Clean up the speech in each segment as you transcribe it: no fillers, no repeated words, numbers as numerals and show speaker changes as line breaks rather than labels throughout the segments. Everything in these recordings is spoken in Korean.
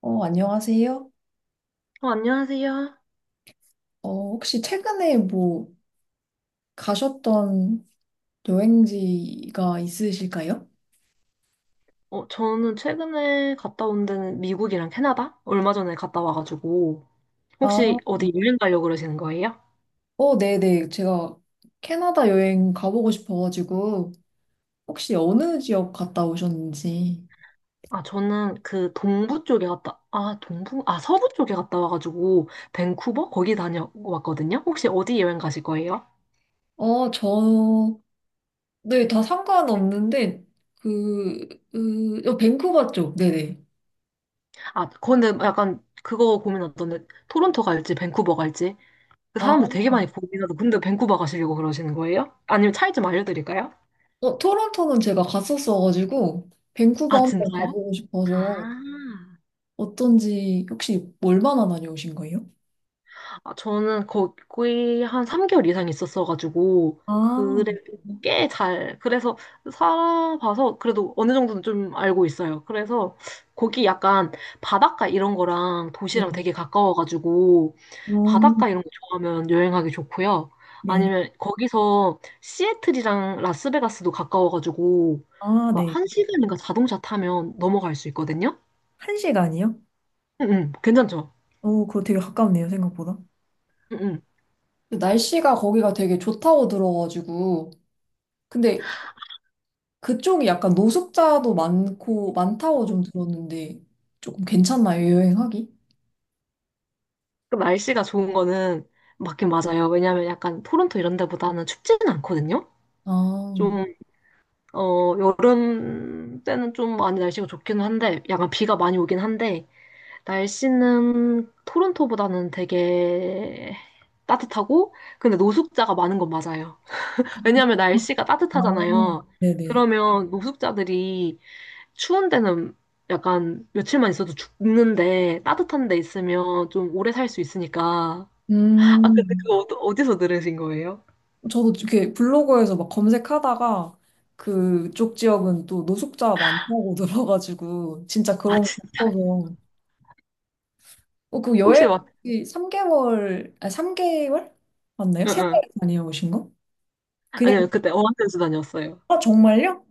안녕하세요.
안녕하세요.
혹시 최근에 뭐 가셨던 여행지가 있으실까요?
저는 최근에 갔다 온 데는 미국이랑 캐나다? 얼마 전에 갔다 와가지고.
아,
혹시 어디 여행 가려고 그러시는 거예요?
네네. 제가 캐나다 여행 가보고 싶어가지고, 혹시 어느 지역 갔다 오셨는지.
아, 저는 그 동부 쪽에 갔다, 아, 동부? 아, 서부 쪽에 갔다 와가지고, 밴쿠버? 거기 다녀왔거든요? 혹시 어디 여행 가실 거예요?
저, 네, 다 상관없는데, 그, 밴쿠버 쪽, 네네.
아, 근데 약간 그거 고민하던데, 토론토 갈지, 밴쿠버 갈지? 그
아,
사람들 되게 많이 고민하고, 근데 밴쿠버 가시려고 그러시는 거예요? 아니면 차이 좀 알려드릴까요?
토론토는 제가 갔었어가지고, 밴쿠버
아,
한번
진짜요?
가보고 싶어서,
아.
어떤지, 혹시 얼마나 다녀오신 거예요?
아, 저는 기의한 3개월 이상 있었어가지고,
아.
그래도 꽤 잘, 그래서 살아봐서 그래도 어느 정도는 좀 알고 있어요. 그래서 거기 약간 바닷가 이런 거랑 도시랑
네.
되게 가까워가지고,
어,
바닷가 이런 거 좋아하면 여행하기 좋고요.
네네.
아니면 거기서 시애틀이랑 라스베가스도 가까워가지고,
아,
막
네.
한 시간인가 자동차 타면 넘어갈 수 있거든요?
한 시간이요?
응, 응, 괜찮죠?
오, 그거 되게 가깝네요, 생각보다.
응,
근데 날씨가 거기가 되게 좋다고 들어가지고. 근데 그쪽이 약간 노숙자도 많고, 많다고
응.
좀 들었는데, 조금 괜찮나요, 여행하기?
그 날씨가 좋은 거는 맞긴 맞아요. 왜냐면 약간 토론토 이런 데보다는 춥지는 않거든요.
아,
좀, 여름 때는 좀 많이 날씨가 좋기는 한데, 약간 비가 많이 오긴 한데, 날씨는 토론토보다는 되게 따뜻하고, 근데 노숙자가 많은 건 맞아요. 왜냐면 날씨가
아,
따뜻하잖아요.
네네.
그러면 노숙자들이 추운 데는 약간 며칠만 있어도 죽는데, 따뜻한 데 있으면 좀 오래 살 수 있으니까, 아,
음,
근데 그거 어디서 들으신 거예요?
저도 이렇게 블로그에서 막 검색하다가 그쪽 지역은 또 노숙자 많다고 들어가지고, 진짜
아,
그런 거
진짜.
싶어서. 그 여행
혹시 막,
3개월, 아, 3개월? 맞나요?
응,
세달
응.
다녀오신 거? 그냥,
아니요, 그때 어학연수 다녔어요.
아, 정말요?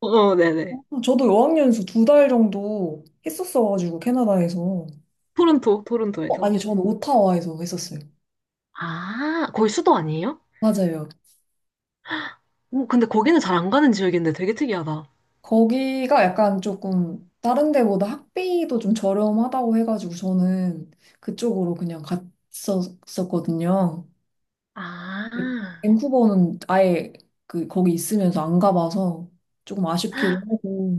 어, 어, 네네.
저도 어학연수 두 달 정도 했었어가지고, 캐나다에서.
토론토에서.
아니, 저는 오타와에서 했었어요.
아, 거기 수도 아니에요?
맞아요.
오, 근데 거기는 잘 안 가는 지역인데 되게 특이하다.
거기가 약간 조금 다른 데보다 학비도 좀 저렴하다고 해가지고, 저는 그쪽으로 그냥 갔었었거든요.
아,
밴쿠버는 아예 거기 있으면서 안 가봐서 조금 아쉽기도 하고.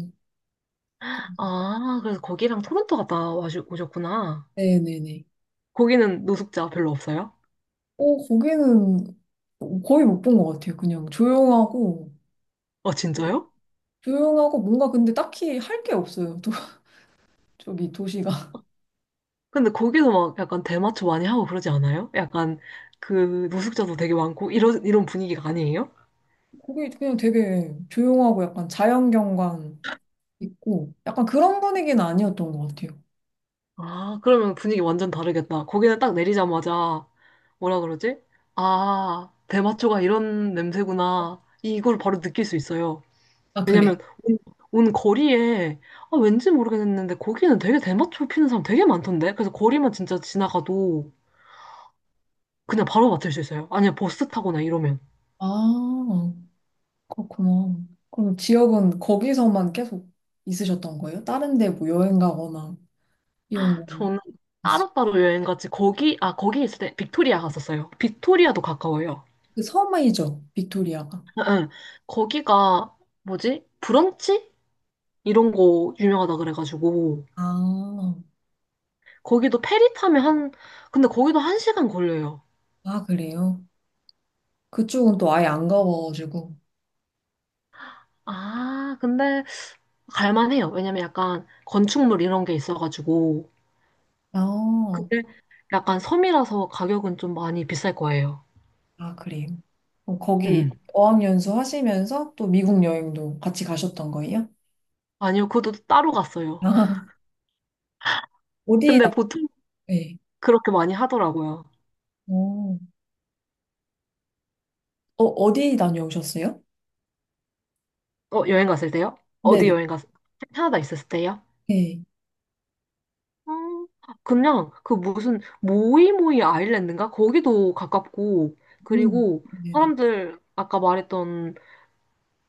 아, 그래서 거기랑 토론토 갔다 오셨구나.
네네네.
거기는 노숙자 별로 없어요?
거기는 거의 못 본 것 같아요. 그냥 조용하고,
아, 진짜요?
조용하고 뭔가 근데 딱히 할 게 없어요. 또, 저기 도시가.
근데 거기서 막 약간 대마초 많이 하고 그러지 않아요? 약간 그 노숙자도 되게 많고 이런 분위기가 아니에요?
거기 그냥 되게 조용하고 약간 자연경관 있고, 약간 그런 분위기는 아니었던 것 같아요.
아, 그러면 분위기 완전 다르겠다. 거기는 딱 내리자마자, 뭐라 그러지? 아, 대마초가 이런 냄새구나. 이걸 바로 느낄 수 있어요.
아, 그래요?
왜냐면, 온, 온 거리에, 아, 왠지 모르겠는데, 거기는 되게 대마초 피는 사람 되게 많던데? 그래서 거리만 진짜 지나가도 그냥 바로 맡을 수 있어요. 아니면 버스 타거나 이러면.
아, 그렇구나. 그럼 지역은 거기서만 계속 있으셨던 거예요? 다른 데 뭐 여행 가거나 이런 거
저는
있으셨어요?
따로따로 여행 갔지, 거기 있을 때 빅토리아 갔었어요. 빅토리아도 가까워요.
그 섬이죠, 빅토리아가.
응, 응. 거기가, 뭐지? 브런치? 이런 거 유명하다 그래가지고
아,
거기도 페리 타면 한 근데 거기도 한 시간 걸려요.
아, 그래요? 그쪽은 또 아예 안 가봐가지고.
아 근데 갈만해요. 왜냐면 약간 건축물 이런 게 있어가지고
아,
근데 약간 섬이라서 가격은 좀 많이 비쌀 거예요.
아, 그래요. 그럼 거기
음
어학연수 하시면서 또 미국 여행도 같이 가셨던 거예요?
아니요, 그것도 따로 갔어요.
아, 어디,
근데
다-
보통
네.
그렇게 많이 하더라고요.
어, 어디 다녀오셨어요?
여행 갔을 때요? 어디
네네.
여행 갔? 캐나다 있었을 때요?
네.
음, 그냥 그 무슨 모이모이 아일랜드인가? 거기도 가깝고
음,
그리고
네네.
사람들 아까 말했던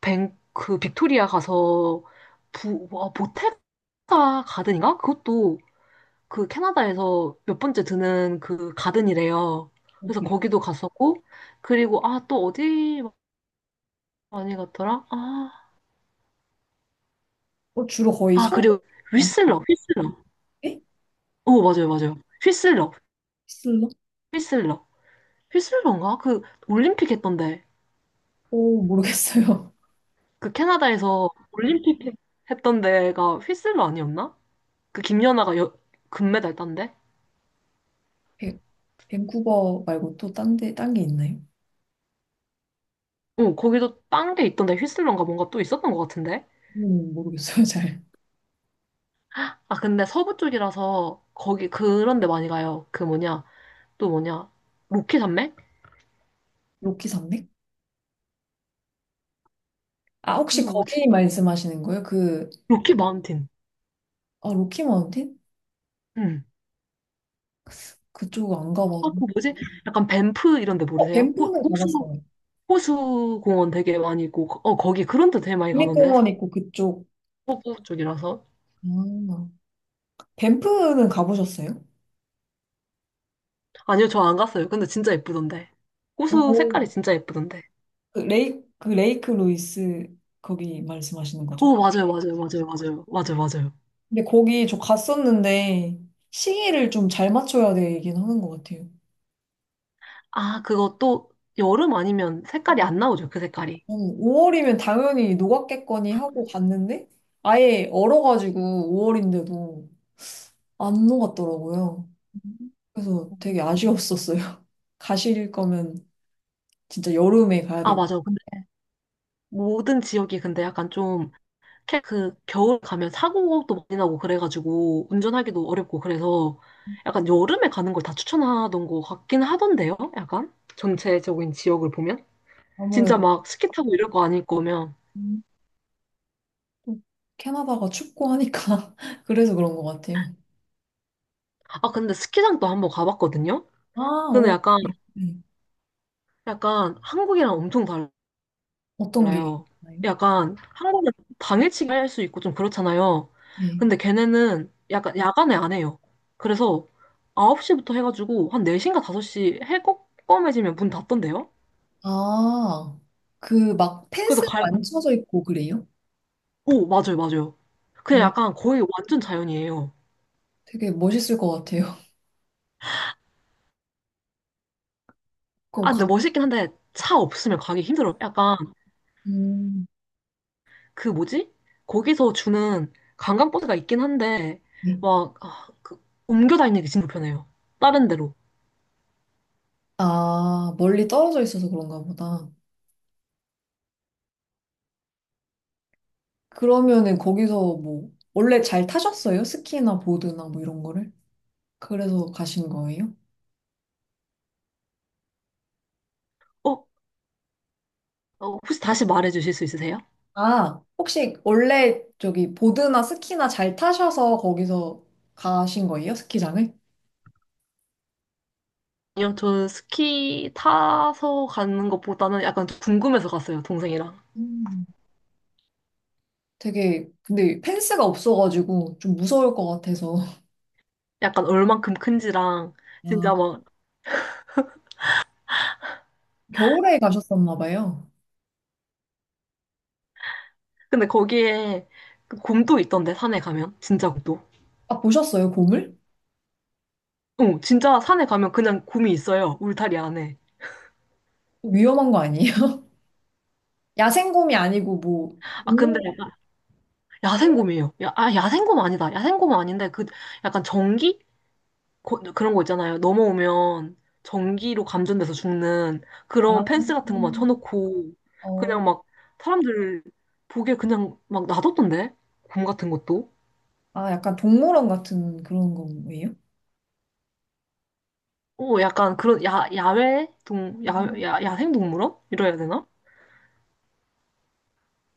뱅 그 빅토리아 가서 보테가 가든인가? 그것도 그 캐나다에서 몇 번째 드는 그 가든이래요. 그래서
그래.
거기도 갔었고 그리고 아 또 어디 많이 갔더라? 아,
주로 거의
아 그리고
서부
휘슬러 휘슬러.
가셨대?
오 맞아요 맞아요. 휘슬러
슬러?
휘슬러 휘슬러인가? 그 올림픽 했던데.
오, 모르겠어요.
그 캐나다에서 올림픽 했던 데가 휘슬러 아니었나? 그 김연아가 금메달 딴데?
밴- 밴쿠버 말고 또 딴 데, 딴 게 있나요?
거기도 딴 게 있던데 휘슬러인가 뭔가 또 있었던 것 같은데?
모르겠어요, 잘.
아, 근데 서부 쪽이라서 거기 그런 데 많이 가요. 그 뭐냐, 또 뭐냐, 로키 산맥?
로키 산맥? 아,
그
혹시 거기
뭐지?
말씀하시는 거예요?
로키 마운틴.
아, 로키 마운틴?
응.
그쪽 안
아,
가봐서.
그 뭐지? 약간 밴프 이런 데 모르세요?
밴프는 가봤어요.
호수 공원 되게 많이 있고, 거기 그런 데 되게 많이 가던데?
국립공원 있고 그쪽.
서부 쪽이라서.
아, 밴프는 가보셨어요?
아니요, 저 안 갔어요. 근데 진짜 예쁘던데. 호수
오.
색깔이 진짜 예쁘던데.
그 레이크 루이스 거기 말씀하시는 거죠?
오, 맞아요, 맞아요, 맞아요, 맞아요, 맞아요, 맞아요.
근데 거기 저 갔었는데 시기를 좀 잘 맞춰야 되긴 하는 것 같아요.
아, 그거 또 여름 아니면 색깔이 안 나오죠, 그 색깔이.
5월이면 당연히 녹았겠거니 하고 갔는데 아예 얼어가지고 5월인데도 안 녹았더라고요.
음.
그래서 되게 아쉬웠었어요. 가실 거면 진짜 여름에 가야
아,
되고
맞아. 근데 모든 지역이 근데 약간 좀, 그 겨울 가면 사고도 많이 나고 그래가지고 운전하기도 어렵고 그래서 약간 여름에 가는 걸 다 추천하던 것 같긴 하던데요, 약간? 전체적인 지역을 보면? 진짜
아무래도.
막 스키 타고 이럴 거 아닐 거면.
또 캐나다가 춥고 하니까 그래서 그런 것 같아요.
아, 근데 스키장도 한번 가봤거든요?
아,
근데
오.
약간,
네, 네.
약간 한국이랑 엄청 달라.
어떤 게
달라요.
있나요?
약간 한국은 당일치기 할 수 있고 좀 그렇잖아요.
네.
근데 걔네는 약간 야간에 안 해요. 그래서 9시부터 해가지고 한 4시인가 5시 해 꺼매지면 문 닫던데요?
아, 그 막
그래서
펜스가 안 쳐져 있고 그래요?
오, 맞아요, 맞아요. 그냥
어,
약간 거의 완전 자연이에요.
되게 멋있을 것 같아요. 그럼
아, 근데 멋있긴 한데 차 없으면 가기 힘들어요. 약간
음,
그 뭐지? 거기서 주는 관광버스가 있긴 한데
네.
막 그 옮겨 다니는 게 진짜 불편해요. 다른 데로.
아, 멀리 떨어져 있어서 그런가 보다. 그러면은 거기서 뭐 원래 잘 타셨어요? 스키나 보드나 뭐 이런 거를? 그래서 가신 거예요?
어, 어, 혹시 다시 말해 주실 수 있으세요?
아, 혹시 원래 저기 보드나 스키나 잘 타셔서 거기서 가신 거예요? 스키장을?
아니요, 저는 스키 타서 가는 것보다는 약간 궁금해서 갔어요, 동생이랑.
음. 되게, 근데 펜스가 없어가지고 좀 무서울 것 같아서.
약간 얼만큼 큰지랑, 진짜
아,
막.
겨울에 가셨었나 봐요.
근데 거기에 그 곰도 있던데, 산에 가면. 진짜 곰도.
아, 보셨어요, 곰을?
어, 진짜 산에 가면 그냥 곰이 있어요, 울타리 안에.
위험한 거 아니에요? 야생곰이 아니고 뭐,
아, 근데
동물-
약간 야생곰이에요. 야생곰 아니다. 야생곰은 아닌데, 그 약간 전기? 그런 거 있잖아요. 넘어오면 전기로 감전돼서 죽는
아,
그런 펜스 같은 것만
음.
쳐놓고
어,
그냥 막 사람들 보기에 그냥 막 놔뒀던데? 곰 같은 것도?
아, 약간 동물원 같은 그런 거예요?
약간 그런 야외
음.
야생동물원? 이래야 되나?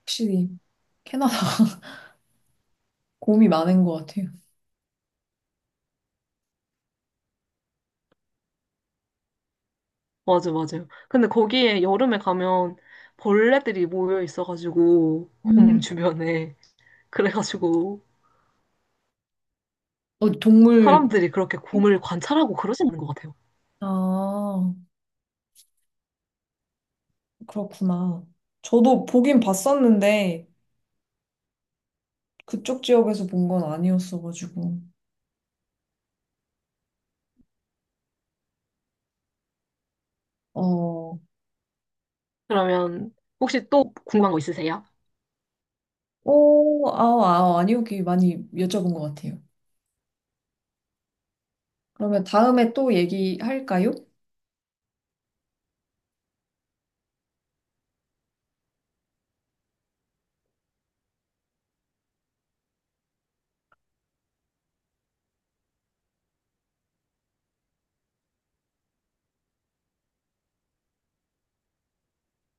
확실히 캐나다 곰이 많은 것 같아요.
맞아, 맞아요. 근데 거기에 여름에 가면 벌레들이 모여 있어가지고 곰
음.
주변에 그래가지고
어, 동물,
사람들이 그렇게 곰을 관찰하고 그러시는 것 같아요.
아. 그렇구나. 저도 보긴 봤었는데, 그쪽 지역에서 본 건 아니었어가지고. 어,
그러면 혹시 또 궁금한 거 있으세요?
오, 아, 아, 아니요. 이 많이 여쭤본 것 같아요. 그러면 다음에 또 얘기할까요?